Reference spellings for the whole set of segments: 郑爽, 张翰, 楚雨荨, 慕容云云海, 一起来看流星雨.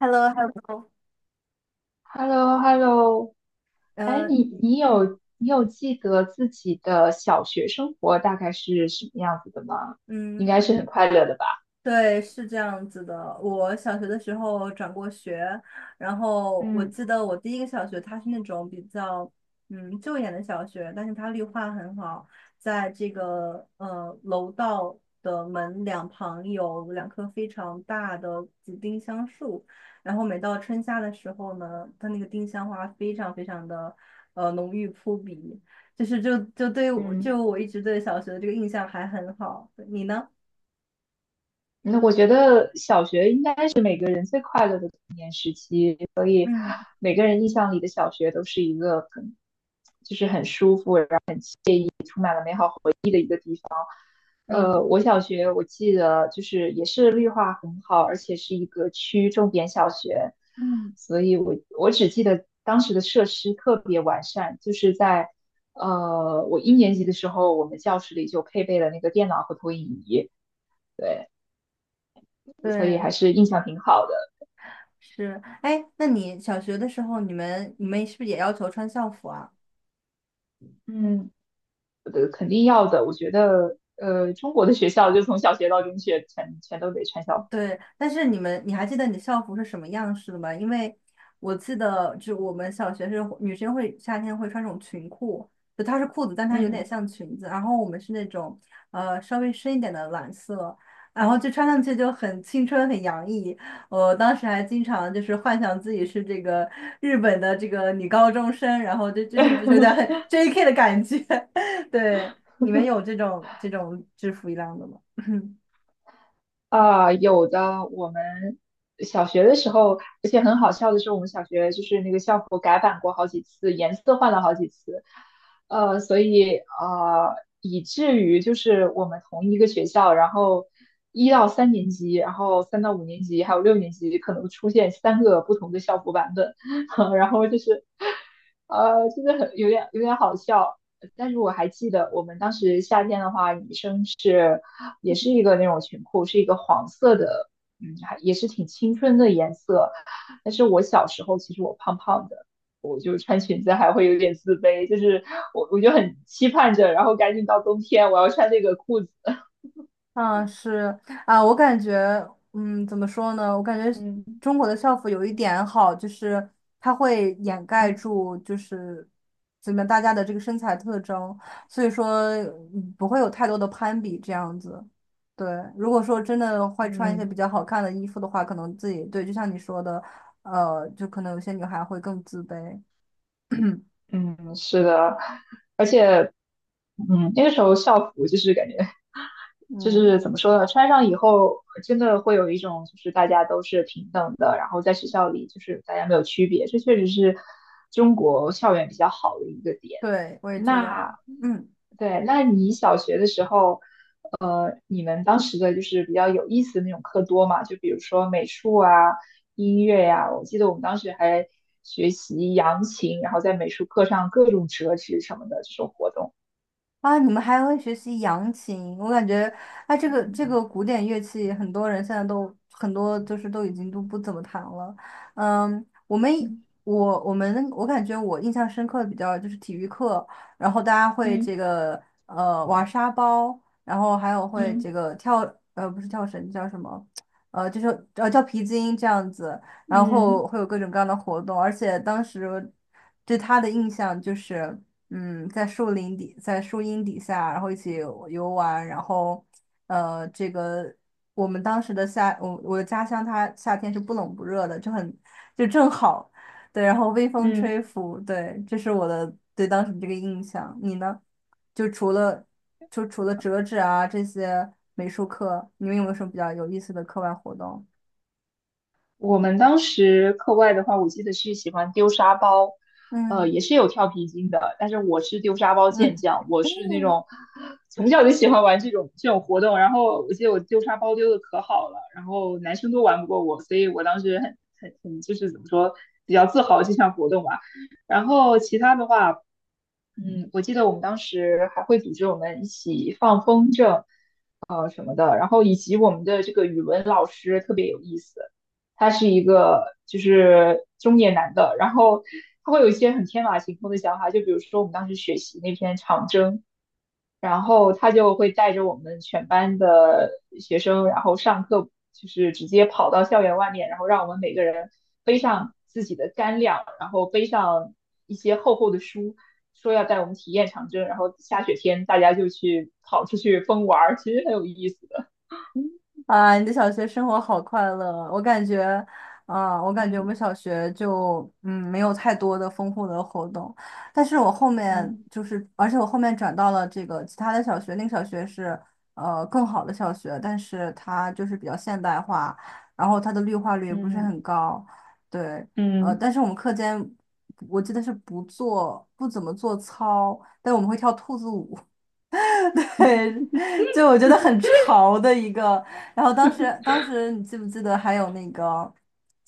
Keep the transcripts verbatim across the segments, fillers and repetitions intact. h e l l o h e l l o h e l l o h e l l o 哎，你你嗯有你有记得自己的小学生活大概是什么样子的吗？嗯，应该是很快乐的吧？对，是这样子的。我小学的时候转过学，然后我嗯记得我第一个小学，它是那种比较嗯旧一点的小学，但是它绿化很好，在这个呃楼道的门两旁有两棵非常大的紫丁香树，然后每到春夏的时候呢，它那个丁香花非常非常的呃浓郁扑鼻，就是就就对我嗯，就我一直对小学的这个印象还很好。你呢？那我觉得小学应该是每个人最快乐的童年时期，所以嗯每个人印象里的小学都是一个很，就是很舒服。嗯。呃，我小学我记得就是也是绿化很好，而且是一个区重点小学，嗯，所以我我只记得当时的设施特别完善，就是在呃我一年级的时候，我们教室里就配备了那个电脑和投影仪，对，所以对，还是印象挺好的。是。哎，那你小学的时候，你们你们是不是也要求穿校服啊？嗯，呃，肯定要的，我觉得呃中国的学校就从小学到中学全全都得穿校服的。对，但是你们，你还记得你的校服是什么样式的吗？因为我记得，就我们小学是女生会夏天会穿这种裙裤，就它是裤子，但它有点嗯，像裙子。然后我们是那种呃稍微深一点的蓝色，然后就穿上去就很青春很洋溢。我当时还经常就是幻想自己是这个日本的这个女高中生，然后就就是就是有点 J K 的感觉。对，你们有这种这种制服一样的吗？啊，有的。我们小学的时候，而且很好笑的是，我们小学就是那个校服改版过好几次，颜色换了好几次，呃，所以呃，以至于就是我们同一个学校，然后一到三年级，然后三到五年级，还有六年级，可能出现三个不同的校服版本，然后就是，呃，真的很有点有点好笑。但是我还记得，我们当时夏天的话，女生。是。也是一个那种裙裤，是一个黄色的，嗯，还也是挺青春的颜色。但是我小时候其实我胖胖的，我就穿裙子还会有点自卑，就是我我就很期盼着，然后赶紧到冬天我要穿那个裤子。嗯，是啊，我感觉，嗯，怎么说呢？我感觉嗯中国的校服有一点好，就是它会掩盖嗯住，就是怎么大家的这个身材特征，所以说嗯不会有太多的攀比这样子。对，如果说真的会穿一些嗯比较好看的衣服的话，可能自己对，就像你说的，呃，就可能有些女孩会更自卑。嗯，是的，而且嗯那个时候校服就是感觉就嗯，是怎么说呢，穿上以后真的会有一种就是大家都是平等的，然后在学校里就是大家没有区别，这确实是中国校园比较好的一个点。对，我也觉那得，嗯。对，那你小学的时候，呃，你们当时的就是比较有意思的那种课多嘛？就比如说美术啊、音乐呀、我记得我们当时还学习扬琴，然后在美术课上各种折纸什么的这种活动。啊，你们还会学习扬琴，我感觉，哎，这个这嗯个古典乐器，很多人现在都很多就是都已经都不怎么弹了。嗯，我们我我们我感觉我印象深刻的比较就是体育课，然后大家会这嗯个呃玩沙包，然后还有会嗯这个跳呃不是跳绳叫什么，呃就是呃跳皮筋这样子，然嗯后会有各种各样的活动，而且当时对他的印象就是。嗯，在树林底，在树荫底下，然后一起游玩，然后，呃，这个我们当时的夏，我我的家乡它夏天是不冷不热的，就很就正好，对，然后微风嗯。吹拂，对，这是我的对当时这个印象。你呢？就除了就除了折纸啊这些美术课，你们有没有什么比较有意思的课外活动？我们当时课外的话，我记得是喜欢丢沙包，呃，嗯也是有跳皮筋的，但是我是丢沙包健嗯 将，我是那 种从小就喜欢玩这种这种活动。然后我记得我丢沙包丢的可好了，然后男生都玩不过我，所以我当时很很很就是怎么说，比较自豪这项活动吧。然后其他的话，嗯，我记得我们当时还会组织我们一起放风筝，呃什么的，然后以及我们的这个语文老师特别有意思，他是一个就是中年男的，然后他会有一些很天马行空的想法，就比如说我们当时学习那篇长征，然后他就会带着我们全班的学生，然后上课就是直接跑到校园外面，然后让我们每个人背上自己的干粮，然后背上一些厚厚的书。说要带我们体验长征，然后下雪天大家就去跑出去疯玩儿，其实很有意思。啊，你的小学生活好快乐！我感觉，啊，我感觉我嗯们小学就嗯没有太多的丰富的活动，但是我后面嗯就是，而且我后面转到了这个其他的小学，那个小学是呃更好的小学，但是它就是比较现代化，然后它的绿化率也不是嗯很高，对，呃，嗯但是我们课间我记得是不做不怎么做操，但我们会跳兔子舞，对，就我觉得很潮的一个。然后当时，当时你记不记得还有那个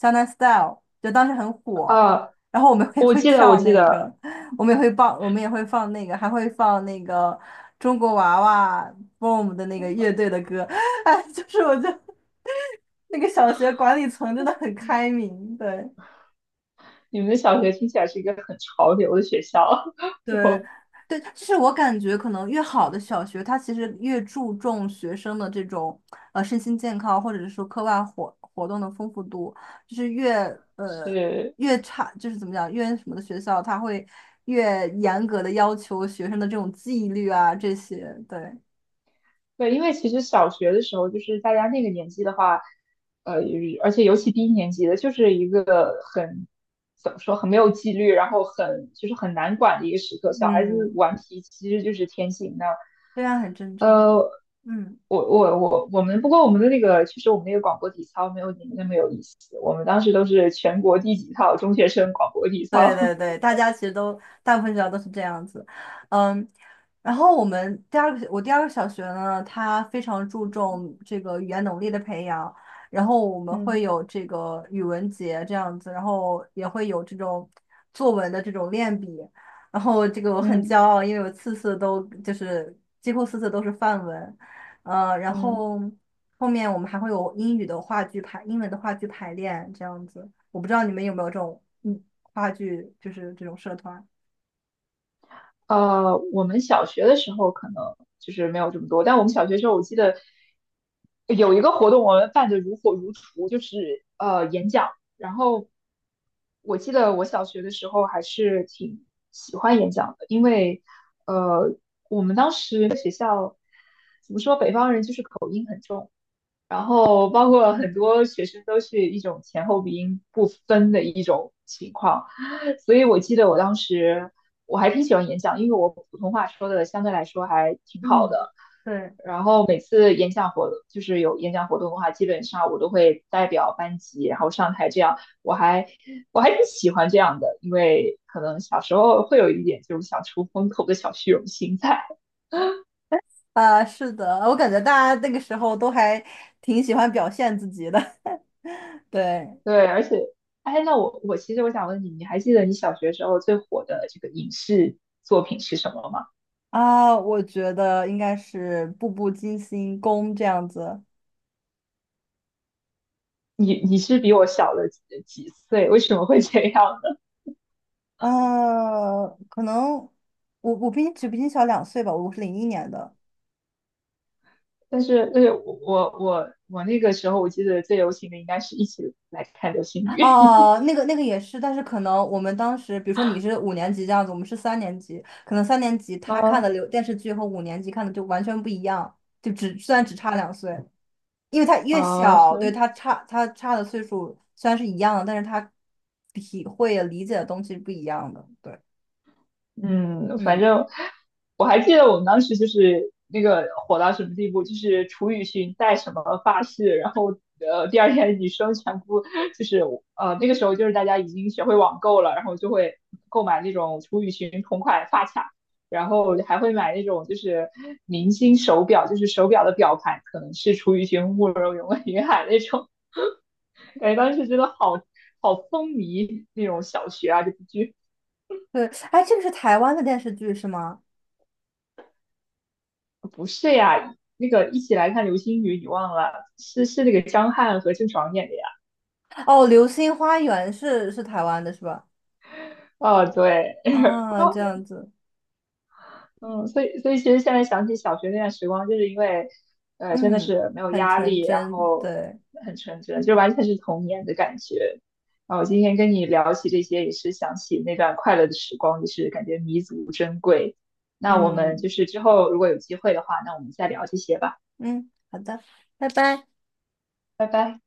《江南 Style》，就当时很火。啊！然后我们也我会记得，我跳记那得，个，我们也会放，我们也会放那个，还会放那个中国娃娃 BOOM 的那个乐队的歌。哎，就是我觉得那个小学管理层真的很开明，对。你们的小学听起来是一个很潮流的学校。对，我对，就是我感觉可能越好的小学，它其实越注重学生的这种呃身心健康，或者是说课外活活动的丰富度，就是越呃是，越差，就是怎么讲，越什么的学校，它会越严格的要求学生的这种纪律啊这些，对，对，因为其实小学的时候，就是大家那个年纪的话，呃，而且尤其低年级的，就是一个很怎么说，很没有纪律，然后很就是很难管的一个时刻。小孩子嗯，顽皮其实就是天性那，这样很正常，呃，我嗯。我我我们不过我们的那个，其实我们那个广播体操没有你们那么有意思。我们当时都是全国第几套中学生广播体对操。对对，大家其实都大部分学校都是这样子，嗯，然后我们第二个我第二个小学呢，它非常注重这个语言能力的培养，然后我 们会嗯有这个语文节这样子，然后也会有这种作文的这种练笔，然后这个我很骄嗯傲，因为我次次都就是几乎次次都是范文，呃，然嗯。后。后面我们还会有英语的话剧排，英文的话剧排练这样子。我不知道你们有没有这种嗯话剧，就是这种社团。呃，我们小学的时候可能就是没有这么多，但我们小学的时候我记得有一个活动，我们办得如火如荼，就是呃演讲。然后我记得我小学的时候还是挺喜欢演讲的，因为呃我们当时学校怎么说，北方人就是口音很重。然后包括很嗯多学生都是一种前后鼻音不分的一种情况，所以我记得我当时我还挺喜欢演讲，因为我普通话说的相对来说还挺好嗯，的。对，然后每次演讲活动就是有演讲活动的话，基本上我都会代表班级然后上台，这样我还我还挺喜欢这样的，因为可能小时候会有一点这种想出风头的小虚荣心在。啊，是的，我感觉大家那个时候都还挺喜欢表现自己的。对对，而且，哎，那我我其实我想问你，你还记得你小学时候最火的这个影视作品是什么吗？啊，我觉得应该是《步步惊心宫》这样子。你你是比我小了几几岁？为什么会这样呢？呃，可能我我比你只比你小两岁吧，我是零一年的。但是但是我我我我那个时候我记得最流行的应该是一起来看流星雨，哦，那个那个也是，但是可能我们当时，比如说你是五年级这样子，我们是三年级，可能三年级 他看的嗯流电视剧和五年级看的就完全不一样，就只虽然只差两岁，因为他越啊小，对是他差他差的岁数虽然是一样的，但是他体会理解的东西不一样的，对，嗯，反嗯，正我还记得我们当时就是那个火到什么地步，就是楚雨荨戴什么发饰，然后呃第二天女生全部就是呃那个时候就是大家已经学会网购了，然后就会购买那种楚雨荨同款发卡，然后还会买那种就是明星手表，就是手表的表盘可能是楚雨荨、慕容云云海那种，感觉当时真的好好风靡那种小学啊这部剧。对，哎，这个是台湾的电视剧是吗？不是呀，那个一起来看流星雨，你忘了？是是那个张翰和郑爽演的呀。哦，《流星花园》是是台湾的是吧？哦，对，然啊，后这样子，嗯，所以所以其实现在想起小学那段时光，就是因为呃真的嗯，是没有很压纯力，然真，后对，很纯真，就完全是童年的感觉。啊，我今天跟你聊起这些，也是想起那段快乐的时光，也是感觉弥足珍贵。那我们嗯。就是之后如果有机会的话，那我们再聊这些吧，嗯，好的。拜拜。